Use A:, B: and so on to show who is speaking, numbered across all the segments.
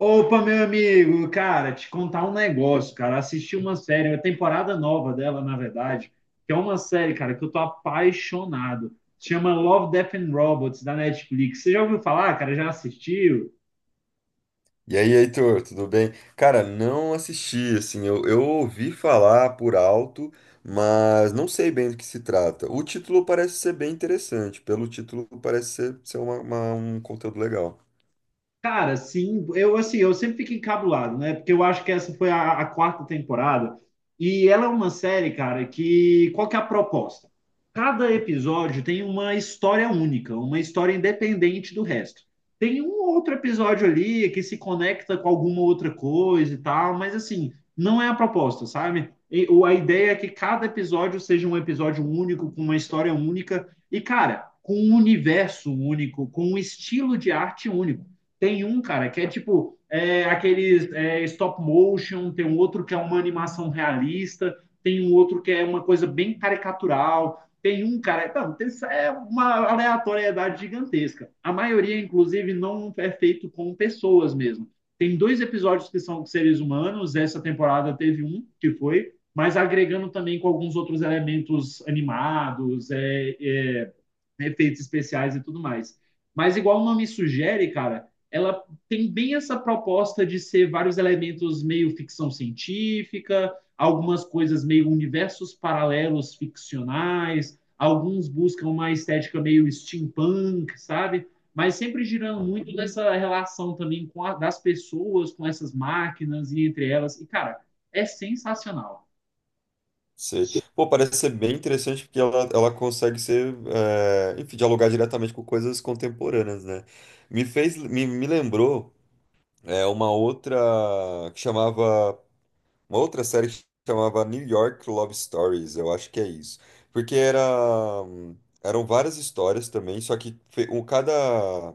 A: Opa, meu amigo, cara, te contar um negócio, cara. Assisti uma série, uma temporada nova dela, na verdade, que é uma série, cara, que eu tô apaixonado. Chama Love, Death and Robots, da Netflix. Você já ouviu falar, cara? Já assistiu?
B: E aí, Heitor, tudo bem? Cara, não assisti, assim, eu ouvi falar por alto, mas não sei bem do que se trata. O título parece ser bem interessante, pelo título parece ser um conteúdo legal.
A: Cara, sim, eu assim, eu sempre fico encabulado, né? Porque eu acho que essa foi a quarta temporada e ela é uma série, cara, que qual que é a proposta? Cada episódio tem uma história única, uma história independente do resto. Tem um outro episódio ali que se conecta com alguma outra coisa e tal, mas assim, não é a proposta, sabe? E, a ideia é que cada episódio seja um episódio único, com uma história única e, cara, com um universo único, com um estilo de arte único. Tem um, cara, que é tipo aqueles stop motion, tem um outro que é uma animação realista, tem um outro que é uma coisa bem caricatural, tem um, cara. Não, tem, é uma aleatoriedade gigantesca. A maioria, inclusive, não é feito com pessoas mesmo. Tem dois episódios que são seres humanos, essa temporada teve um que foi, mas agregando também com alguns outros elementos animados, efeitos especiais e tudo mais. Mas, igual o nome sugere, cara, ela tem bem essa proposta de ser vários elementos meio ficção científica, algumas coisas meio universos paralelos ficcionais, alguns buscam uma estética meio steampunk, sabe? Mas sempre girando
B: Ah.
A: muito dessa relação também com das pessoas, com essas máquinas e entre elas. E, cara, é sensacional.
B: Sei. Pô, parece ser bem interessante porque ela consegue ser, é, enfim, dialogar diretamente com coisas contemporâneas, né? Me lembrou, é, que chamava uma outra série que chamava New York Love Stories, eu acho que é isso. Porque era, eram várias histórias também, só que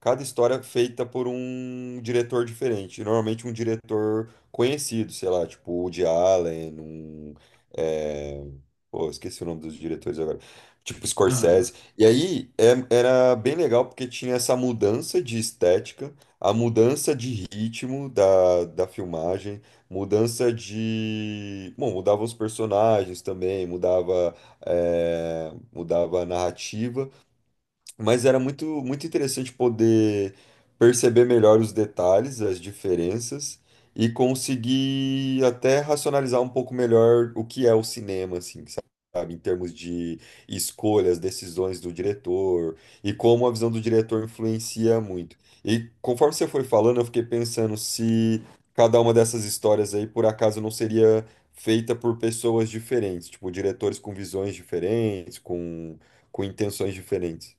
B: cada história é feita por um diretor diferente. Normalmente um diretor conhecido, sei lá, tipo o Woody Allen, um. é, Pô, esqueci o nome dos diretores agora. Tipo
A: Aham.
B: Scorsese. E aí era bem legal porque tinha essa mudança de estética, a mudança de ritmo da filmagem, mudança de. Bom, mudava os personagens também, mudava, é, mudava a narrativa. Mas era muito, muito interessante poder perceber melhor os detalhes, as diferenças e conseguir até racionalizar um pouco melhor o que é o cinema, assim, sabe? Em termos de escolhas, decisões do diretor e como a visão do diretor influencia muito. E conforme você foi falando, eu fiquei pensando se cada uma dessas histórias aí por acaso não seria feita por pessoas diferentes, tipo diretores com visões diferentes, com intenções diferentes.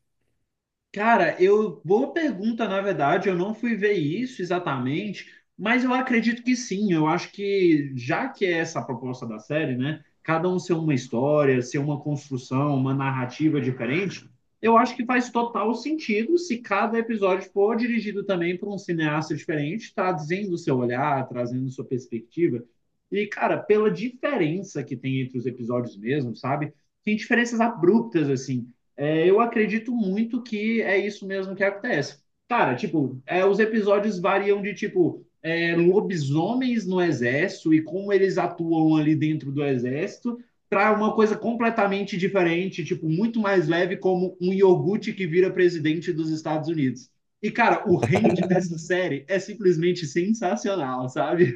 A: Cara, eu boa pergunta, na verdade, eu não fui ver isso exatamente, mas eu acredito que sim. Eu acho que já que é essa a proposta da série, né? Cada um ser uma história, ser uma construção, uma narrativa diferente, eu acho que faz total sentido se cada episódio for dirigido também por um cineasta diferente, trazendo o seu olhar, trazendo sua perspectiva. E, cara, pela diferença que tem entre os episódios mesmo, sabe? Tem diferenças abruptas assim. É, eu acredito muito que é isso mesmo que acontece. Cara, tipo, é, os episódios variam de, tipo, é, lobisomens no exército e como eles atuam ali dentro do exército, para uma coisa completamente diferente, tipo, muito mais leve, como um iogurte que vira presidente dos Estados Unidos. E, cara, o range dessa série é simplesmente sensacional, sabe?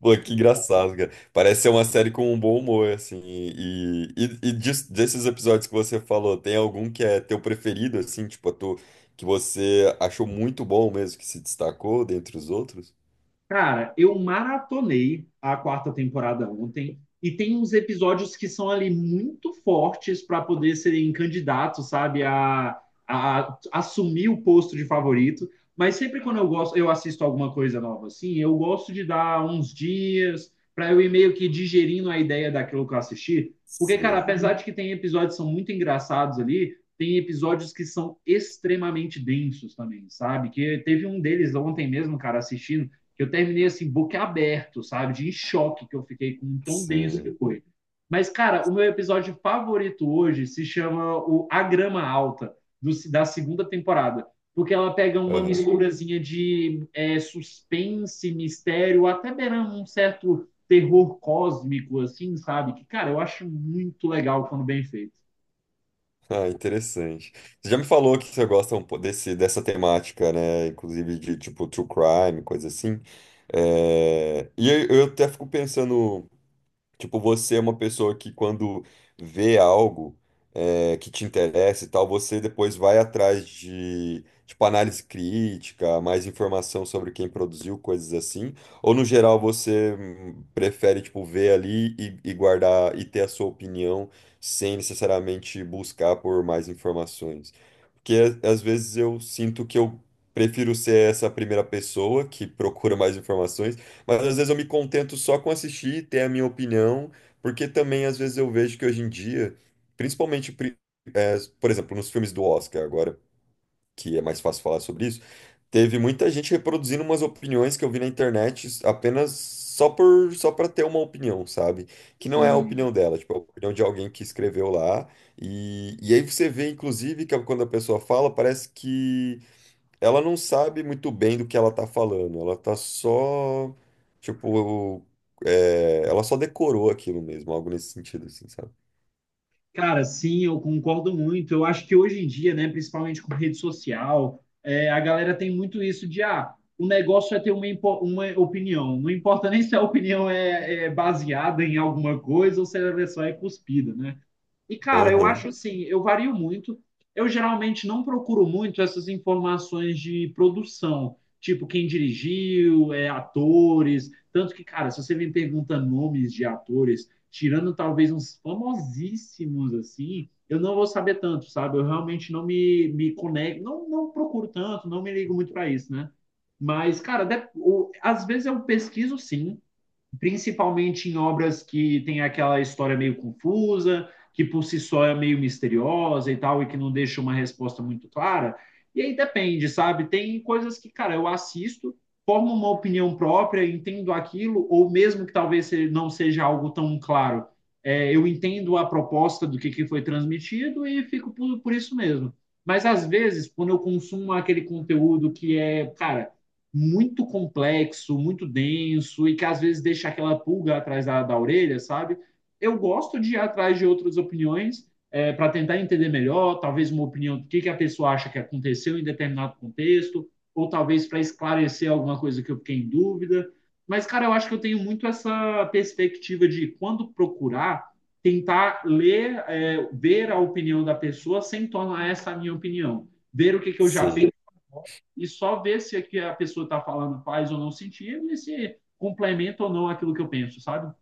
B: Pô, que engraçado, cara. Parece ser uma série com um bom humor, assim. E desses episódios que você falou, tem algum que é teu preferido, assim, que você achou muito bom mesmo, que se destacou dentre os outros?
A: Cara, eu maratonei a quarta temporada ontem e tem uns episódios que são ali muito fortes para poder serem candidatos, sabe, a assumir o posto de favorito. Mas sempre quando eu gosto, eu assisto alguma coisa nova assim, eu gosto de dar uns dias para eu ir meio que digerindo a ideia daquilo que eu assisti. Porque, cara,
B: Sei,
A: apesar de que tem episódios que são muito engraçados ali, tem episódios que são extremamente densos também, sabe? Que teve um deles ontem mesmo, cara, assistindo que eu terminei assim, boca aberto, sabe? De em choque que eu fiquei com um tão denso que
B: sei.
A: foi. Mas, cara, o meu episódio favorito hoje se chama o A Grama Alta, do, da segunda temporada. Porque ela pega uma
B: Aham.
A: misturazinha de é, suspense, mistério, até beirando um certo terror cósmico, assim, sabe? Que, cara, eu acho muito legal quando bem feito.
B: Ah, interessante. Você já me falou que você gosta desse, dessa temática, né? Inclusive de, tipo, true crime, coisa assim. É. E eu até fico pensando. Tipo, você é uma pessoa que quando vê algo que te interessa e tal, você depois vai atrás de, tipo, análise crítica, mais informação sobre quem produziu, coisas assim. Ou no geral você prefere, tipo, ver ali e guardar e ter a sua opinião sem necessariamente buscar por mais informações. Porque às vezes eu sinto que eu prefiro ser essa primeira pessoa que procura mais informações, mas às vezes eu me contento só com assistir e ter a minha opinião, porque também às vezes eu vejo que hoje em dia, principalmente, pri- é, por exemplo, nos filmes do Oscar agora, que é mais fácil falar sobre isso, teve muita gente reproduzindo umas opiniões que eu vi na internet, apenas, só por, só para ter uma opinião, sabe? Que não é a
A: Sim.
B: opinião dela, tipo, é a opinião de alguém que escreveu lá. E aí você vê, inclusive, que é quando a pessoa fala, parece que ela não sabe muito bem do que ela tá falando, ela tá só, tipo, é, ela só decorou aquilo mesmo, algo nesse sentido, assim, sabe?
A: Cara, sim, eu concordo muito. Eu acho que hoje em dia, né, principalmente com rede social, é, a galera tem muito isso de, ah, o negócio é ter uma, uma opinião. Não importa nem se a opinião é, é baseada em alguma coisa ou se ela é só é cuspida, né? E, cara, eu
B: Aham,
A: acho assim, eu vario muito. Eu geralmente não procuro muito essas informações de produção, tipo quem dirigiu, é, atores. Tanto que, cara, se você me pergunta nomes de atores, tirando talvez uns famosíssimos assim, eu não vou saber tanto, sabe? Eu realmente não me, me conecto, não, não procuro tanto, não me ligo muito para isso, né? Mas, cara, às vezes eu pesquiso sim, principalmente em obras que tem aquela história meio confusa, que por si só é meio misteriosa e tal, e que não deixa uma resposta muito clara. E aí depende, sabe? Tem coisas que, cara, eu assisto, formo uma opinião própria, entendo aquilo, ou mesmo que talvez não seja algo tão claro, é, eu entendo a proposta do que foi transmitido e fico por isso mesmo. Mas às vezes, quando eu consumo aquele conteúdo que é, cara muito complexo, muito denso e que às vezes deixa aquela pulga atrás da orelha, sabe? Eu gosto de ir atrás de outras opiniões é, para tentar entender melhor, talvez uma opinião do que a pessoa acha que aconteceu em determinado contexto, ou talvez para esclarecer alguma coisa que eu fiquei em dúvida. Mas, cara, eu acho que eu tenho muito essa perspectiva de quando procurar, tentar ler, é, ver a opinião da pessoa sem tornar essa a minha opinião. Ver o que, que eu já
B: sim.
A: penso e só ver se o que a pessoa está falando faz ou não sentido e se complementa ou não aquilo que eu penso, sabe?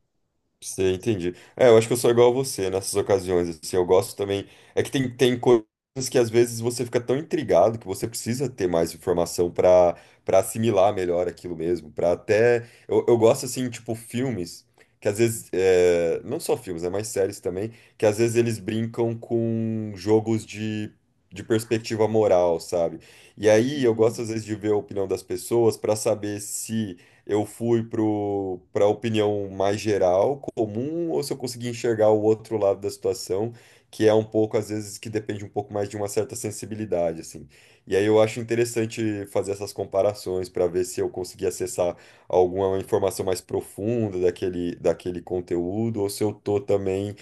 B: Sei, entendi. É, eu acho que eu sou igual a você nessas ocasiões, assim, eu gosto também, é que tem coisas que às vezes você fica tão intrigado que você precisa ter mais informação para para assimilar melhor aquilo mesmo, para até, eu gosto, assim, tipo, filmes, que às vezes, é, não só filmes, né, mas séries também, que às vezes eles brincam com jogos de perspectiva moral, sabe? E aí eu gosto,
A: Sim.
B: às vezes, de ver a opinião das pessoas para saber se eu fui para a opinião mais geral, comum, ou se eu consegui enxergar o outro lado da situação, que é um pouco, às vezes, que depende um pouco mais de uma certa sensibilidade, assim. E aí eu acho interessante fazer essas comparações para ver se eu consegui acessar alguma informação mais profunda daquele conteúdo, ou se eu tô também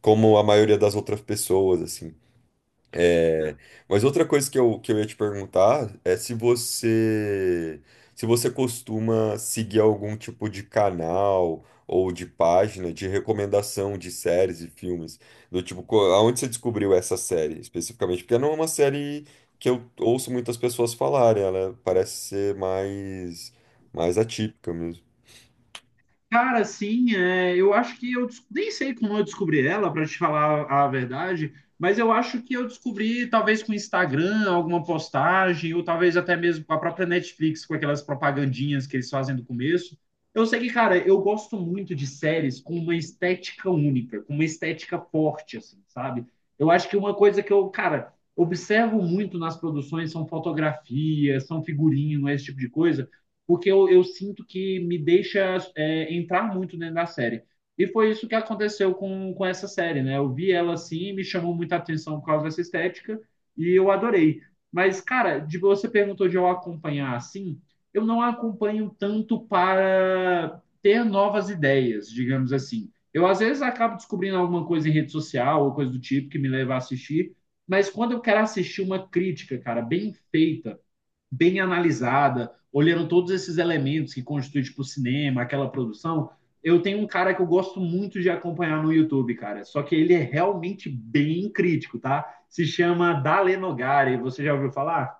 B: como a maioria das outras pessoas, assim. É. Mas outra coisa que eu ia te perguntar é se você se você costuma seguir algum tipo de canal ou de página de recomendação de séries e filmes. Do tipo, aonde você descobriu essa série especificamente? Porque não é uma série que eu ouço muitas pessoas falarem, ela parece ser mais, mais atípica.
A: Cara, assim, é, eu acho que eu nem sei como eu descobri ela, para te falar a verdade, mas eu acho que eu descobri talvez com o Instagram, alguma postagem, ou talvez até mesmo com a própria Netflix, com aquelas propagandinhas que eles fazem do começo. Eu sei que, cara, eu gosto muito de séries com uma estética única, com uma estética forte, assim, sabe? Eu acho que uma coisa que eu, cara, observo muito nas produções são fotografias, são figurino, esse tipo de coisa porque eu sinto que me deixa é, entrar muito dentro da série. E foi isso que aconteceu com essa série, né? Eu vi ela assim, me chamou muita atenção por causa dessa estética e eu adorei. Mas, cara, de, você perguntou de eu acompanhar assim, eu não acompanho tanto para ter novas ideias, digamos assim. Eu, às vezes, acabo descobrindo alguma coisa em rede social ou coisa do tipo que me leva a assistir, mas quando eu quero assistir uma crítica, cara, bem feita, bem analisada, olhando todos esses elementos que constituem tipo, o cinema, aquela produção, eu tenho um cara que eu gosto muito de acompanhar no YouTube, cara. Só que ele é realmente bem crítico, tá? Se chama Dale Nogari. Você já ouviu falar?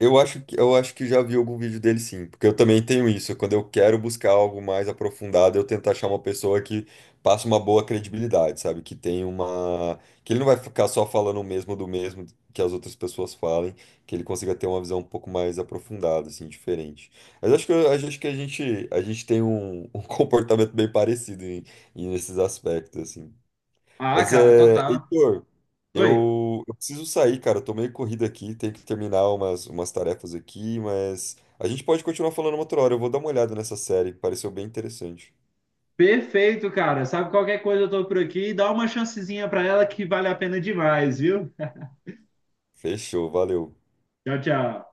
B: Eu acho que já vi algum vídeo dele sim, porque eu também tenho isso. Quando eu quero buscar algo mais aprofundado, eu tento achar uma pessoa que passe uma boa credibilidade, sabe? Que tem uma, que ele não vai ficar só falando o mesmo do mesmo que as outras pessoas falem, que ele consiga ter uma visão um pouco mais aprofundada, assim, diferente. Mas acho que a gente tem um, um comportamento bem parecido em, em nesses aspectos, assim.
A: Ah,
B: Mas
A: cara,
B: é,
A: total.
B: Heitor,
A: Oi.
B: eu preciso sair, cara. Eu tô meio corrido aqui, tenho que terminar umas, umas tarefas aqui, mas a gente pode continuar falando uma outra hora. Eu vou dar uma olhada nessa série, pareceu bem interessante.
A: Perfeito, cara. Sabe qualquer coisa, eu tô por aqui. Dá uma chancezinha pra ela que vale a pena demais, viu?
B: Fechou, valeu.
A: Tchau, tchau.